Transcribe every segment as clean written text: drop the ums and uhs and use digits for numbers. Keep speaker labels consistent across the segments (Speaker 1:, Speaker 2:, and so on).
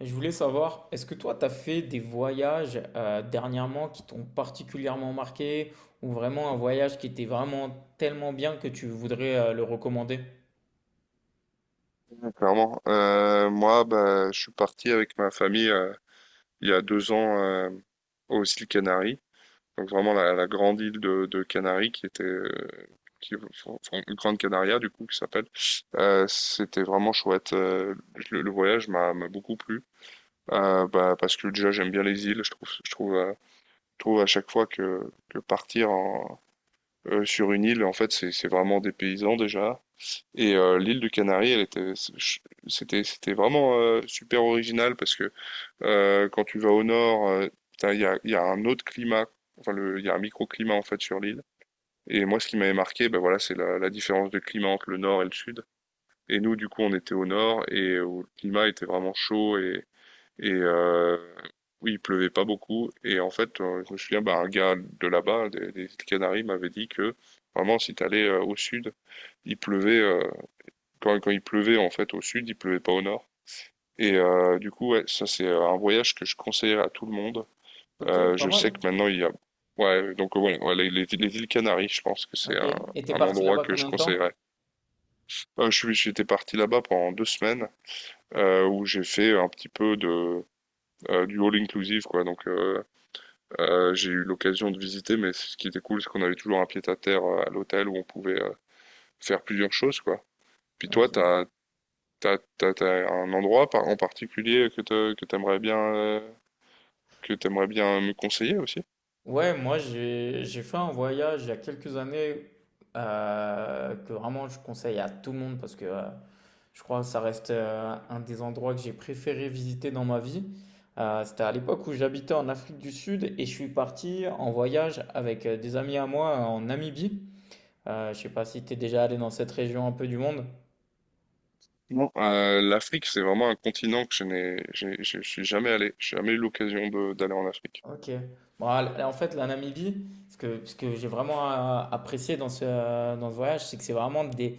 Speaker 1: Je voulais savoir, est-ce que toi, tu as fait des voyages dernièrement qui t'ont particulièrement marqué ou vraiment un voyage qui était vraiment tellement bien que tu voudrais le recommander?
Speaker 2: Ouais, clairement. Moi, bah, je suis parti avec ma famille il y a 2 ans aux îles Canaries, donc vraiment la grande île de Canaries qui, enfin, Grande Canaria du coup qui s'appelle. C'était vraiment chouette. Le voyage m'a beaucoup plu. Bah, parce que déjà j'aime bien les îles. Je trouve à chaque fois que partir sur une île, en fait, c'est vraiment dépaysant déjà. Et l'île du Canari, c'était vraiment super original parce que quand tu vas au nord, putain, il y a un autre climat, enfin il y a un microclimat en fait sur l'île. Et moi, ce qui m'avait marqué, ben voilà, c'est la différence de climat entre le nord et le sud. Et nous, du coup, on était au nord et où le climat était vraiment chaud et, oui, il pleuvait pas beaucoup. Et en fait, je me souviens, bah, un gars de là-bas, des Canaries, m'avait dit que vraiment, si tu allais au sud, il pleuvait, euh, quand il pleuvait en fait au sud, il pleuvait pas au nord. Et du coup, ouais, ça c'est un voyage que je conseillerais à tout le monde.
Speaker 1: Ok,
Speaker 2: Euh,
Speaker 1: pas
Speaker 2: je sais que
Speaker 1: mal.
Speaker 2: maintenant ouais, donc ouais, ouais, les îles Canaries, je pense que c'est
Speaker 1: Ok.
Speaker 2: un,
Speaker 1: Et t'es
Speaker 2: un
Speaker 1: parti
Speaker 2: endroit
Speaker 1: là-bas
Speaker 2: que je
Speaker 1: combien de temps?
Speaker 2: conseillerais. J'étais parti là-bas pendant 2 semaines où j'ai fait un petit peu de du all inclusive quoi. Donc j'ai eu l'occasion de visiter, mais ce qui était cool, c'est qu'on avait toujours un pied-à-terre à l'hôtel où on pouvait faire plusieurs choses quoi. Puis toi,
Speaker 1: Ok.
Speaker 2: t'as. T'as un endroit en particulier que que t'aimerais bien me conseiller aussi?
Speaker 1: Ouais, moi j'ai fait un voyage il y a quelques années que vraiment je conseille à tout le monde parce que je crois que ça reste un des endroits que j'ai préféré visiter dans ma vie. C'était à l'époque où j'habitais en Afrique du Sud et je suis parti en voyage avec des amis à moi en Namibie. Je sais pas si tu es déjà allé dans cette région un peu du monde.
Speaker 2: Non. L'Afrique, c'est vraiment un continent que je suis jamais allé. J'ai jamais eu l'occasion d'aller en Afrique.
Speaker 1: Ok. Bon, en fait, la Namibie, ce que j'ai vraiment apprécié dans dans ce voyage, c'est que c'est vraiment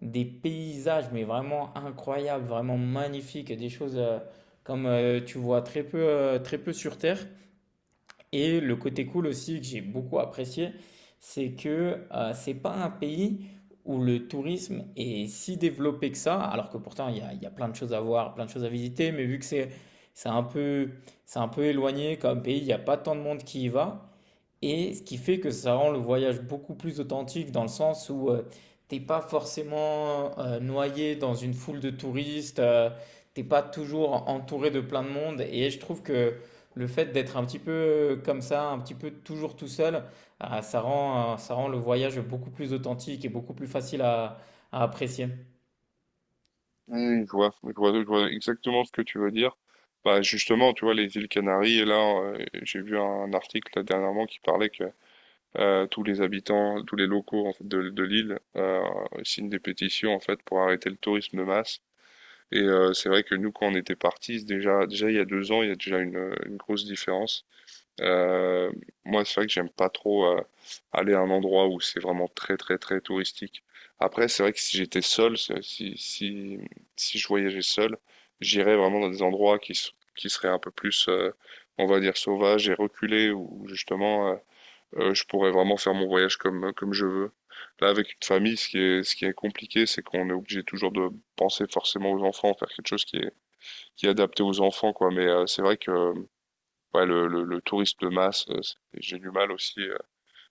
Speaker 1: des paysages, mais vraiment incroyables, vraiment magnifiques, des choses comme tu vois très peu sur Terre. Et le côté cool aussi que j'ai beaucoup apprécié, c'est que c'est pas un pays où le tourisme est si développé que ça, alors que pourtant il y a plein de choses à voir, plein de choses à visiter, mais vu que c'est un peu, c'est un peu éloigné comme pays, il n'y a pas tant de monde qui y va. Et ce qui fait que ça rend le voyage beaucoup plus authentique dans le sens où t'es pas forcément noyé dans une foule de touristes, t'es pas toujours entouré de plein de monde. Et je trouve que le fait d'être un petit peu comme ça, un petit peu toujours tout seul, ah, ça rend le voyage beaucoup plus authentique et beaucoup plus facile à apprécier.
Speaker 2: Oui, je vois, je vois, je vois exactement ce que tu veux dire. Bah justement, tu vois, les îles Canaries, et là, j'ai vu un article là, dernièrement qui parlait que tous les habitants, tous les locaux en fait, de l'île signent des pétitions en fait pour arrêter le tourisme de masse. Et c'est vrai que nous, quand on était partis, déjà il y a 2 ans, il y a déjà une grosse différence. Euh, moi, c'est vrai que j'aime pas trop aller à un endroit où c'est vraiment très, très, très touristique. Après, c'est vrai que si j'étais seul, si je voyageais seul, j'irais vraiment dans des endroits qui seraient un peu plus, on va dire, sauvages et reculés, où justement, je pourrais vraiment faire mon voyage comme je veux. Là, avec une famille, ce qui est compliqué, c'est qu'on est obligé toujours de penser forcément aux enfants, faire quelque chose qui est adapté aux enfants, quoi. Mais c'est vrai que ouais, le tourisme de masse, j'ai du mal aussi.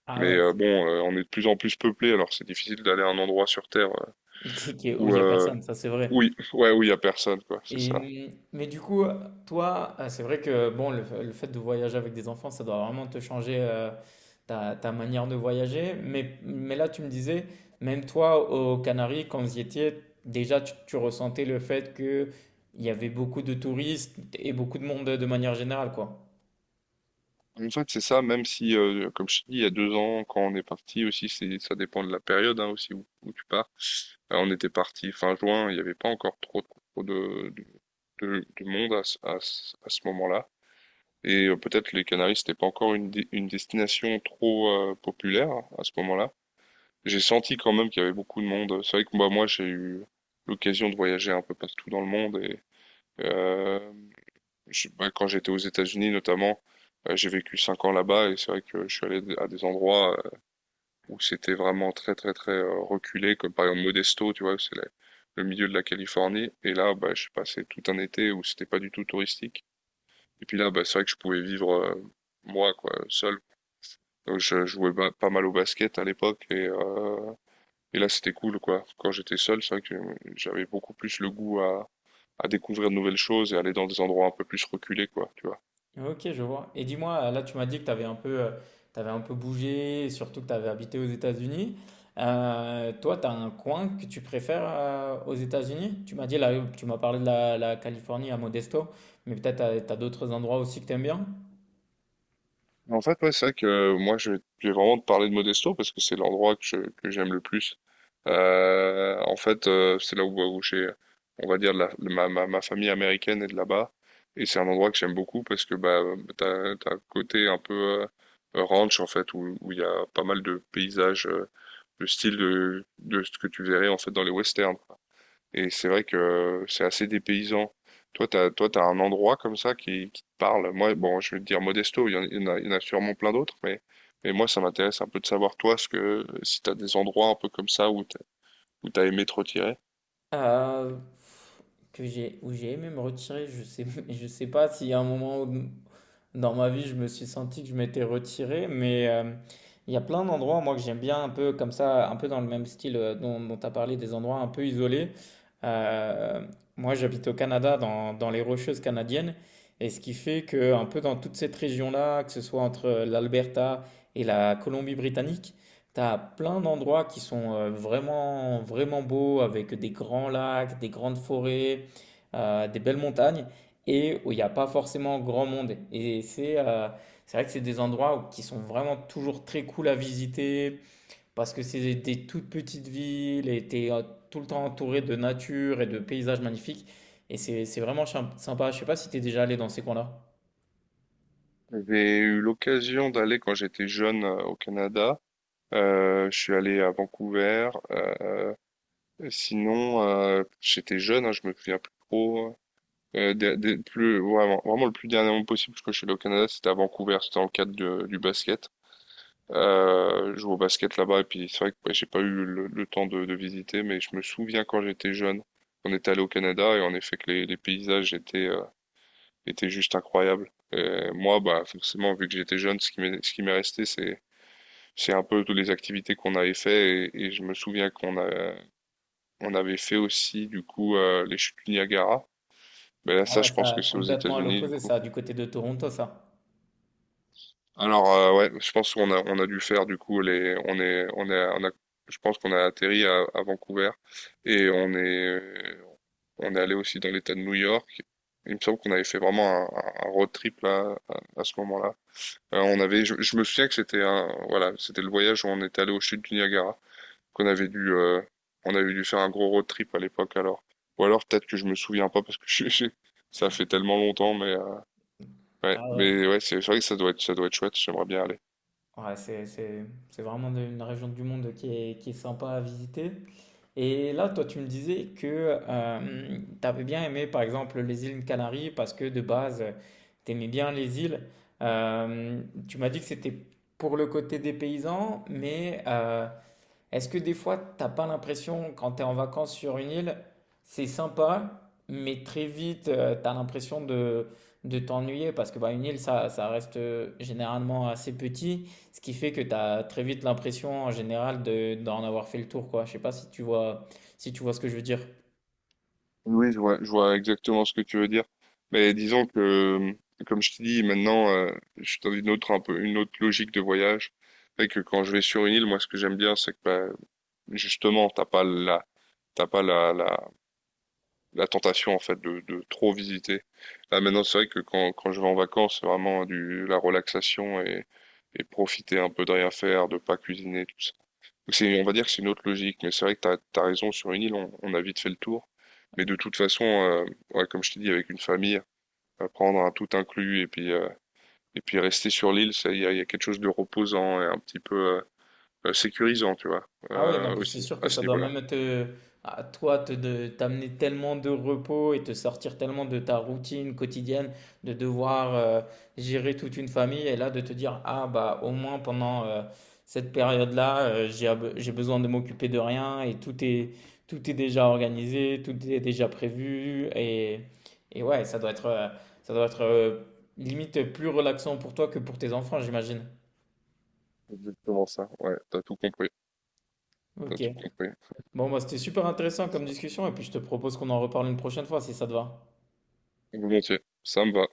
Speaker 1: Ah
Speaker 2: Mais
Speaker 1: ouais,
Speaker 2: euh, bon, on est de plus en plus peuplé, alors c'est difficile d'aller à un endroit sur Terre
Speaker 1: où
Speaker 2: où,
Speaker 1: il y a
Speaker 2: euh,
Speaker 1: personne, ça c'est vrai.
Speaker 2: oui, ouais, où il y a personne, quoi. C'est ça.
Speaker 1: Et, mais du coup, toi, c'est vrai que bon, le fait de voyager avec des enfants, ça doit vraiment te changer ta manière de voyager. Mais là, tu me disais, même toi, aux Canaries, quand vous y étiez, déjà, tu ressentais le fait qu'il y avait beaucoup de touristes et beaucoup de monde de manière générale, quoi.
Speaker 2: En fait, c'est ça, même si, comme je te dis, il y a 2 ans, quand on est parti aussi, ça dépend de la période hein, aussi où tu pars. On était parti fin juin, il n'y avait pas encore trop, trop de monde à ce moment-là. Et peut-être les Canaries, c'était pas encore une destination trop populaire à ce moment-là. J'ai senti quand même qu'il y avait beaucoup de monde. C'est vrai que bah, moi, j'ai eu l'occasion de voyager un peu partout dans le monde. Et euh, bah, quand j'étais aux États-Unis notamment, j'ai vécu 5 ans là-bas et c'est vrai que je suis allé à des endroits où c'était vraiment très très très reculé, comme par exemple Modesto, tu vois, c'est le milieu de la Californie. Et là, bah, je j'ai passé tout un été où c'était pas du tout touristique. Et puis là, bah, c'est vrai que je pouvais vivre moi, quoi, seul. Donc je jouais pas mal au basket à l'époque et là c'était cool quoi. Quand j'étais seul, c'est vrai que j'avais beaucoup plus le goût à découvrir de nouvelles choses et aller dans des endroits un peu plus reculés quoi, tu vois.
Speaker 1: Ok, je vois. Et dis-moi, là, tu m'as dit que tu avais un peu, tu un peu bougé, et surtout que tu avais habité aux États-Unis. Toi, tu as un coin que tu préfères aux États-Unis? Tu m'as dit, là, tu m'as parlé de la Californie à Modesto, mais peut-être tu as d'autres endroits aussi que tu aimes bien?
Speaker 2: En fait, ouais, c'est vrai que moi, je vais vraiment te parler de Modesto parce que c'est l'endroit que j'aime le plus. En fait, c'est là où on va dire, ma famille américaine est de là-bas. Et c'est un endroit que j'aime beaucoup parce que bah, t'as un côté un peu ranch, en fait, où il y a pas mal de paysages, de style de ce que tu verrais, en fait, dans les westerns. Et c'est vrai que c'est assez dépaysant. Toi, t'as un endroit comme ça qui te parle. Moi, bon, je vais te dire Modesto, il y en a sûrement plein d'autres, mais moi, ça m'intéresse un peu de savoir, toi, si t'as des endroits un peu comme ça où t'as, aimé te retirer.
Speaker 1: Euh, que j'ai, où j'ai aimé me retirer, je sais, je sais pas s'il y a un moment où, dans ma vie, je me suis senti que je m'étais retiré, mais il y a plein d'endroits, moi, que j'aime bien, un peu comme ça, un peu dans le même style dont tu as parlé, des endroits un peu isolés. Euh, Moi, j'habite au Canada, dans les Rocheuses canadiennes, et ce qui fait que, un peu dans toute cette région-là, que ce soit entre l'Alberta et la Colombie-Britannique, tu as plein d'endroits qui sont vraiment, vraiment beaux, avec des grands lacs, des grandes forêts, des belles montagnes et où il n'y a pas forcément grand monde. Et c'est vrai que c'est des qui sont vraiment toujours très cool à visiter parce que c'est toutes petites villes et tu es tout le temps entouré de nature et de paysages magnifiques. Et c'est vraiment sympa. Je sais pas si tu es déjà allé dans ces coins-là.
Speaker 2: J'ai eu l'occasion d'aller quand j'étais jeune au Canada. Je suis allé à Vancouver. Sinon, j'étais jeune, hein, je me souviens plus trop. Plus, vraiment, vraiment le plus dernièrement possible parce que je suis allé au Canada, c'était à Vancouver, c'était dans le cadre du basket. Je joue au basket là-bas et puis c'est vrai que ouais, j'ai pas eu le temps de visiter, mais je me souviens quand j'étais jeune, on était allé au Canada et en effet que les paysages étaient juste incroyables. Et moi, bah forcément, vu que j'étais jeune, ce qui m'est resté, c'est un peu toutes les activités qu'on avait fait et je me souviens qu'on avait fait aussi du coup les chutes du Niagara. Mais là,
Speaker 1: Ah
Speaker 2: ça,
Speaker 1: ouais,
Speaker 2: je pense que
Speaker 1: ça
Speaker 2: c'est aux
Speaker 1: complètement à
Speaker 2: États-Unis du
Speaker 1: l'opposé,
Speaker 2: coup.
Speaker 1: ça, du côté de Toronto, ça.
Speaker 2: Alors ouais, je pense qu'on a dû faire du coup les on est on est on a je pense qu'on a atterri à Vancouver et on est allé aussi dans l'État de New York. Il me semble qu'on avait fait vraiment un road trip là à ce moment-là. Je me souviens que c'était un voilà, c'était le voyage où on est allé au chutes du Niagara qu'on avait dû on avait dû faire un gros road trip à l'époque alors. Ou alors peut-être que je me souviens pas parce que ça fait tellement longtemps mais ouais
Speaker 1: Ah ouais.
Speaker 2: mais ouais c'est vrai que ça doit être chouette. J'aimerais bien aller.
Speaker 1: Ouais, c'est vraiment une région du monde qui est sympa à visiter. Et là, toi, tu me disais que tu avais bien aimé, par exemple, les îles Canaries parce que de base, tu aimais bien les îles. Euh, Tu m'as dit que c'était pour le côté des paysans, mais est-ce que des fois, t'as pas l'impression, quand tu es en vacances sur une île, c'est sympa, mais très vite, t'as l'impression de t'ennuyer parce que bah, une île, ça reste généralement assez petit, ce qui fait que t'as très vite l'impression en général de, d'en avoir fait le tour, quoi. Je sais pas si tu vois, si tu vois ce que je veux dire.
Speaker 2: Oui, je vois exactement ce que tu veux dire. Mais disons que, comme je t'ai dit, maintenant, je suis dans une autre logique de voyage. Fait que quand je vais sur une île, moi, ce que j'aime bien, c'est que, bah, justement, t'as pas la tentation, en fait, de trop visiter. Là, maintenant, c'est vrai que quand je vais en vacances, c'est vraiment la relaxation et profiter un peu de rien faire, de pas cuisiner, tout ça. Donc, on va dire que c'est une autre logique, mais c'est vrai que t'as raison, sur une île, on a vite fait le tour. Mais de toute façon, ouais, comme je t'ai dit, avec une famille, prendre un tout inclus et puis rester sur l'île, ça, il y a quelque chose de reposant et un petit peu sécurisant, tu vois,
Speaker 1: Ah oui, non, puis c'est
Speaker 2: aussi
Speaker 1: sûr que
Speaker 2: à
Speaker 1: ça
Speaker 2: ce
Speaker 1: doit
Speaker 2: niveau-là.
Speaker 1: même te, à toi, t'amener tellement de repos et te sortir tellement de ta routine quotidienne, de devoir gérer toute une famille et là de te dire, ah bah au moins pendant cette période-là, j'ai besoin de m'occuper de rien et tout est déjà organisé, tout est déjà prévu et ouais, ça doit ça doit être limite plus relaxant pour toi que pour tes enfants, j'imagine.
Speaker 2: Exactement ça. Ouais, t'as tout compris, t'as
Speaker 1: Ok.
Speaker 2: tout compris.
Speaker 1: Bon, bah, c'était super intéressant comme discussion et puis je te propose qu'on en reparle une prochaine fois si ça te va.
Speaker 2: Volontiers, ça me va.